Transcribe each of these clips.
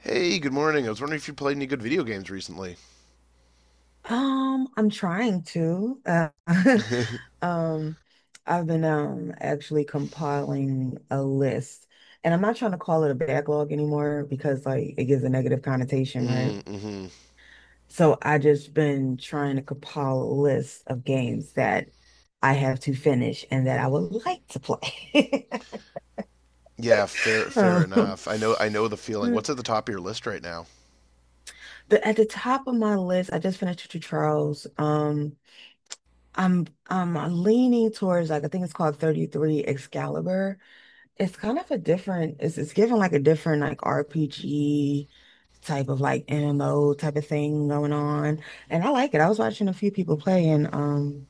Hey, good morning. I was wondering if you played any good video games recently. I'm trying to. Um, I've been actually compiling a list, and I'm not trying to call it a backlog anymore because like it gives a negative connotation, right? Mm-hmm. So I just been trying to compile a list of games that I have to finish and that I would like to play. Yeah, fair Um, enough. I know the feeling. the, What's at the top of your list right now? at the top of my list, I just finished Two Charles. I'm leaning towards like I think it's called 33 Excalibur. It's given like a different like RPG type of like MMO type of thing going on. And I like it. I was watching a few people play and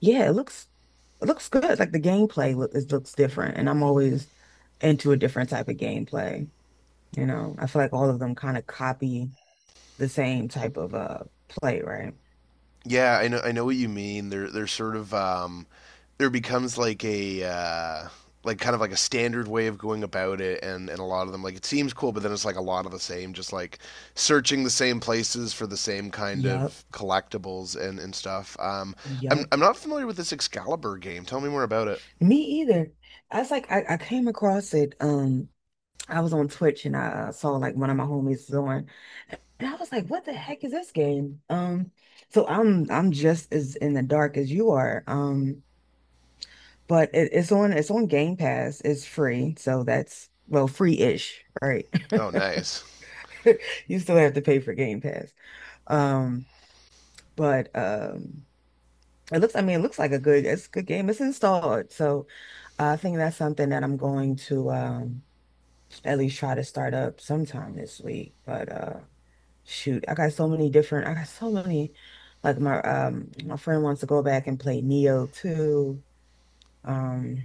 yeah, it looks good. It looks different and I'm always into a different type of gameplay. You know, I feel like all of them kind of copy the same type of play, right? Yeah, I know what you mean. There's sort of, there becomes like a, like kind of like a standard way of going about it, and a lot of them, like it seems cool, but then it's like a lot of the same, just like searching the same places for the same kind Yup. of collectibles and stuff. I'm Yup. I'm not familiar with this Excalibur game. Tell me more about it. Me either. I came across it. I was on Twitch and I saw like one of my homies on, and I was like, what the heck is this game? So I'm just as in the dark as you are. But it's on it's on Game Pass. It's free, so that's well, free-ish, right? Oh, nice. You still have to pay for Game Pass. Um, but it looks. I mean, it looks like a good. It's a good game. It's installed, so I think that's something that I'm going to. At least try to start up sometime this week. But shoot, I got so many like my friend wants to go back and play Neo too. Um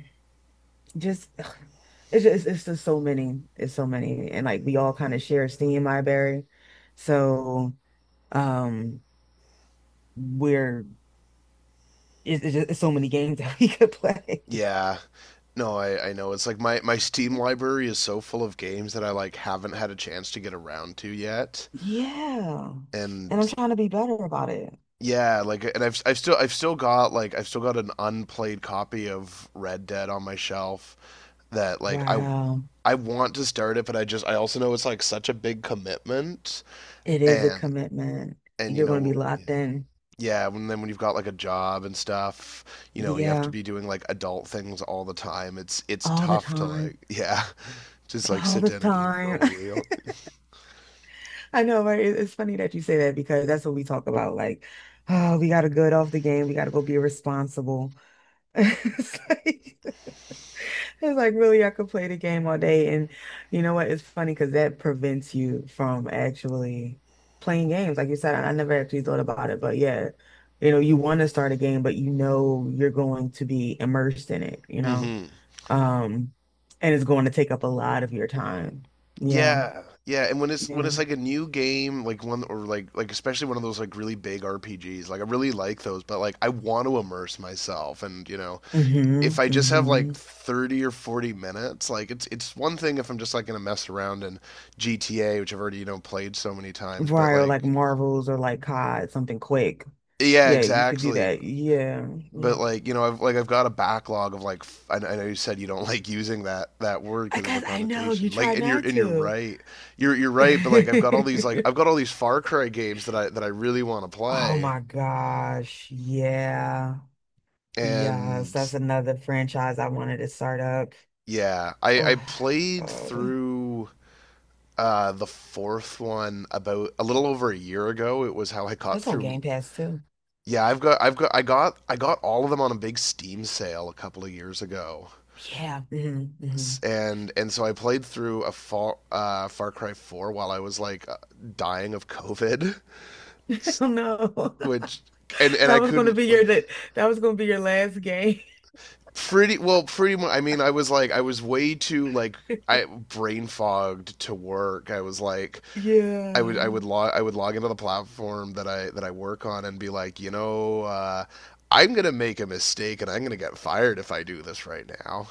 just ugh, it's just so many. It's so many. And like we all kind of share a Steam library. So um we're it's so many games that we could play. Yeah. No, I know. It's like my Steam library is so full of games that I like haven't had a chance to get around to yet. Yeah. And I'm And trying to be better about it. yeah, like and I've still got like I've still got an unplayed copy of Red Dead on my shelf that like I Wow. I want to start it, but I just I also know it's like such a big commitment It is a and commitment. and you You're going to know be locked in. yeah, when then when you've got like a job and stuff, you know, and you have to Yeah, be doing like adult things all the time, it's all the tough to time. like yeah, just like All sit the down and game for a time. real. I know, right? It- It's funny that you say that because that's what we talk about. Like, oh, we got to good off the game. We got to go be responsible. It's like, It's like really, I could play the game all day. And you know what? It's funny because that prevents you from actually playing games. Like you said, I never actually thought about it, but yeah, you know, you want to start a game, but you know you're going to be immersed in it, you know? Hmm. Um, and it's going to take up a lot of your time. Yeah. Yeah, yeah. And when it's when Yeah. it's like a new game, like one or like especially one of those like really big RPGs, like I really like those, but like I want to immerse myself, and you know, hmm if I just have like hmm 30 or 40 minutes, like it's one thing if I'm just like gonna mess around in GTA, which I've already you know played so many times, but Right, or like like. Marvels or like COD, something quick. Yeah, Yeah, you could do exactly. that. Yeah. But Yeah. like you know I've got a backlog of like I know you said you don't like using that word I because of the guess I know you connotation try like and you're not and you're to. right You're right, but like I've got all these like I've got all these Far Cry games that I really want to Oh play. my gosh. Yeah. Yes, And that's another franchise I wanted to start up. yeah, I Oh, played God. through the fourth one about a little over a year ago. It was how I got That's on through. Game Pass too. Yeah, I got all of them on a big Steam sale a couple of years ago, Yeah. And so I played through a Far Cry Four while I was like dying of COVID, Oh no. which and and I couldn't like that was gonna be your last game. pretty well pretty much. I mean, I was like I was way too like I brain fogged to work. I was like I would I Yeah. would log I would log into the platform that I work on and be like you know. I'm gonna make a mistake and I'm gonna get fired if I do this right now.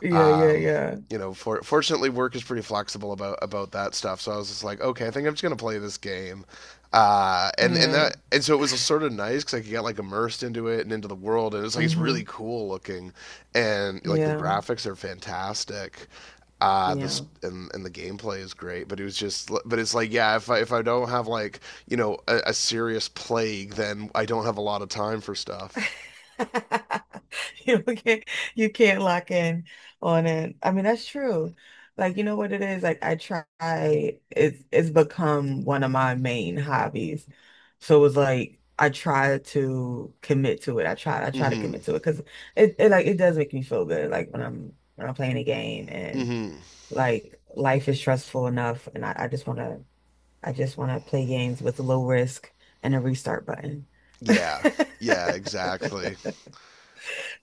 Yeah, yeah, Um, yeah. you know, fortunately, work is pretty flexible about that stuff. So I was just like, okay, I think I'm just gonna play this game. And and Yeah. that and so it was sort of nice because I could get like immersed into it and into the world, and it's like it's really hmm cool looking, and like the Yeah. graphics are fantastic. This Yeah. And the gameplay is great, but it was just but it's like yeah, if I don't have like you know a serious plague, then I don't have a lot of time for stuff. You can't you can't lock in on it. I mean, that's true. Like, you know what it is? Like I try it's become one of my main hobbies. So it was like I try to commit to it. I try to Mm-hmm. commit to it because it like it does make me feel good. Like when I'm playing a game and Mm-hmm. like life is stressful enough and I just wanna play games with low risk and a restart button. Yeah. Yeah. Exactly.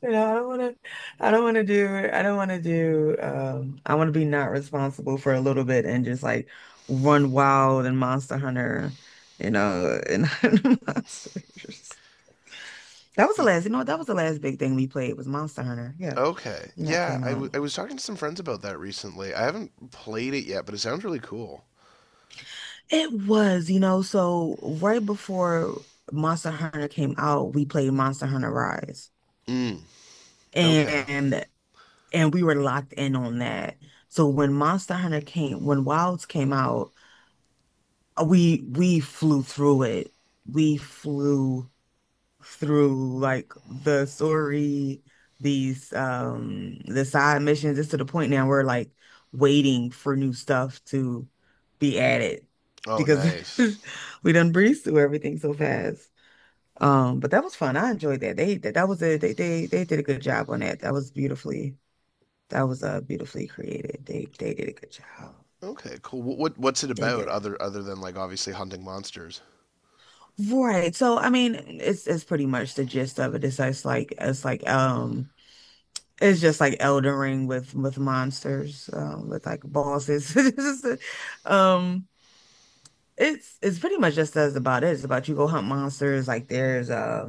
You know, I don't want to, I want to be not responsible for a little bit and just like run wild and Monster Hunter, you know, and hunt monsters. Y- That was the last big thing we played was Monster Hunter. Yeah. Okay. And that Yeah, came out. I was talking to some friends about that recently. I haven't played it yet, but it sounds really cool. It was, you know, so right before Monster Hunter came out, we played Monster Hunter Rise. Mm, okay. And and we were locked in on that. So when Wilds came out, we flew through it. We flew through like the story, the side missions. It's to the point now we're like waiting for new stuff to be added Oh, because nice. we done breezed through everything so fast. But that was fun. I enjoyed that. That was a they did a good job on that. That was beautifully created. They did a good job. Okay, cool. What what's it They about did. Other than like obviously hunting monsters? Right. So I mean, it's pretty much the gist of it. It's like it's just like Elden Ring with monsters, with like bosses. Um it's pretty much just as about it. It's about you go hunt monsters, like there's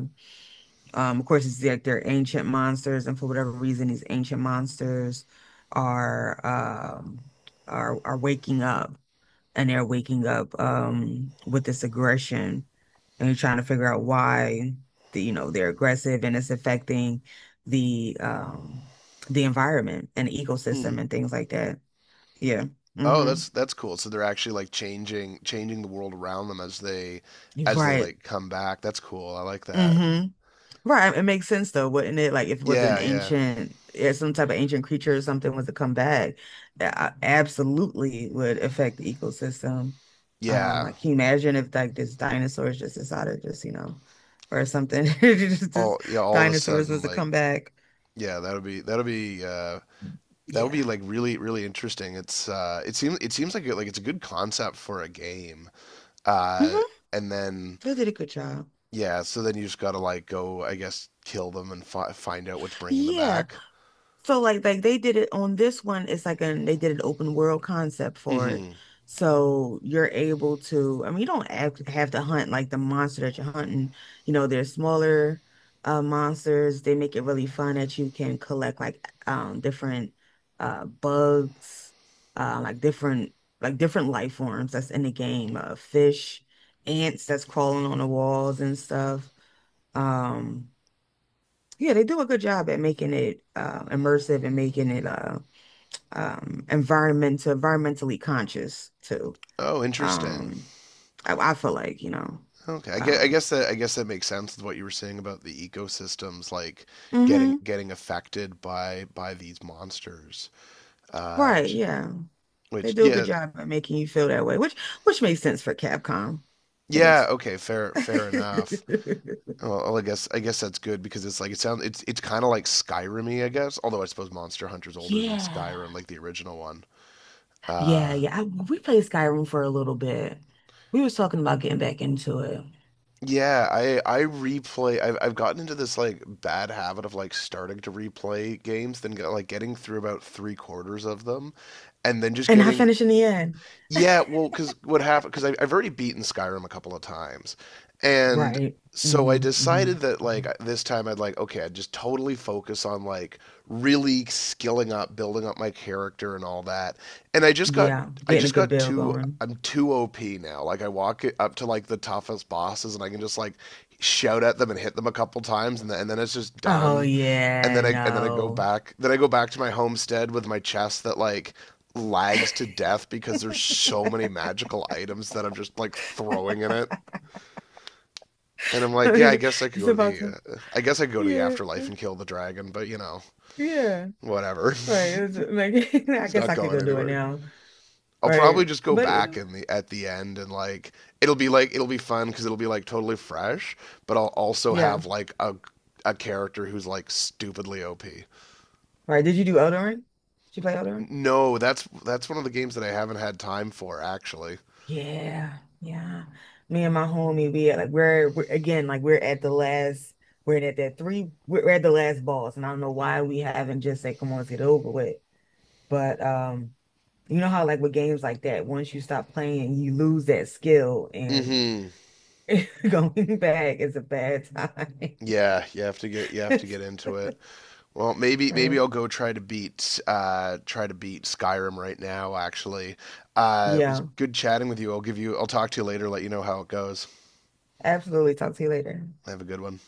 of course it's like they're ancient monsters, and for whatever reason these ancient monsters are um are waking up and they're waking up with this aggression and you're trying to figure out why you know they're aggressive and it's affecting the um the environment and the Hmm. ecosystem and things like that. Yeah. Oh, Mm-hmm. that's cool. So they're actually like changing the world around them as they Right. like come back. That's cool. I like that. Mm-hmm. Right, it makes sense though, wouldn't it? Like if it was an Yeah, yeah. ancient, if some type of ancient creature or something was to come back, that absolutely would affect the ecosystem. Yeah. Like can you imagine if like this dinosaurs just decided just, you know, or something, All just yeah, all of a dinosaurs was sudden to like come back. yeah, that'll be that would Yeah. be like really interesting. It's it seems like it, like it's a good concept for a game. Uh Mm-hmm. and then They did a good job. yeah, so then you just got to like go I guess kill them and find out what's bringing them Yeah. back. Like they did it on this one, it's like an they did an open world concept for it. Mhm. So you're able to, I mean, you don't have to hunt like the monster that you're hunting. You know, there's smaller monsters. They make it really fun that you can collect like different bugs, uh like different like different life forms that's in the game. Uh, fish, ants that's crawling on the walls and stuff. Um yeah, they do a good job at making it immersive and making it environmentally conscious too. Oh, interesting. Um, I feel like, you know, Okay. I guess, I um, guess that I guess that makes sense with what you were saying about the ecosystems like hmm getting affected by these monsters. Uh right, j- yeah, they which do a good yeah, job at making you feel that way, which makes sense for Capcom. That makes yeah, okay, fair sense. fair enough. Well, I guess that's good because it's like it sounds it's kind of like Skyrim-y, I guess. Although I suppose Monster Hunter's older than Yeah, Skyrim, like the original one. yeah, Uh, yeah. We played Skyrim for a little bit. We was talking about getting back into it, yeah, I replay. I've gotten into this like bad habit of like starting to replay games, then like getting through about three-quarters of them, and then just and I getting. finished in the end. Yeah, well, because what happened? Because I've already beaten Skyrim a couple of times, and Right. so I hmm hmm decided that like this time I'd like okay, I'd just totally focus on like really skilling up, building up my character and all that. And I just got Yeah, I getting a just good got bill too going. I'm too OP now. Like I walk it up to like the toughest bosses and I can just like shout at them and hit them a couple times and then it's just Oh done. And yeah, then I go no. back, then I go back to my homestead with my chest that like lags to death because there's so many magical items that I'm just like throwing in it. And I'm like, yeah, I guess I could It's go to about to. I guess I could go to the Yeah, afterlife and kill the dragon, but you know, yeah. whatever. Right. It was like I He's guess not I could going go do it anywhere. now. I'll probably Right. just go But you back know, in the at the end and like it'll be fun because it'll be like totally fresh, but I'll also yeah. have like a character who's like stupidly OP. Right. Did you do Eldering? Did you play Eldering? No, that's one of the games that I haven't had time for actually. Yeah, yeah. Me and my homie, we at like we're again like we're at the last. We're at that three. We're at the last boss, and I don't know why we haven't just said, "Come on, let's get it over with." But. You know how like with games like that, once you stop playing, you lose that skill and Mhm. going back is a bad time. Yeah, you have to get you have to get into it. Well, maybe Right. I'll go try to beat Skyrim right now. Actually, it was Yeah. good chatting with you. I'll give you. I'll talk to you later. Let you know how it goes. Absolutely. Talk to you later. Have a good one.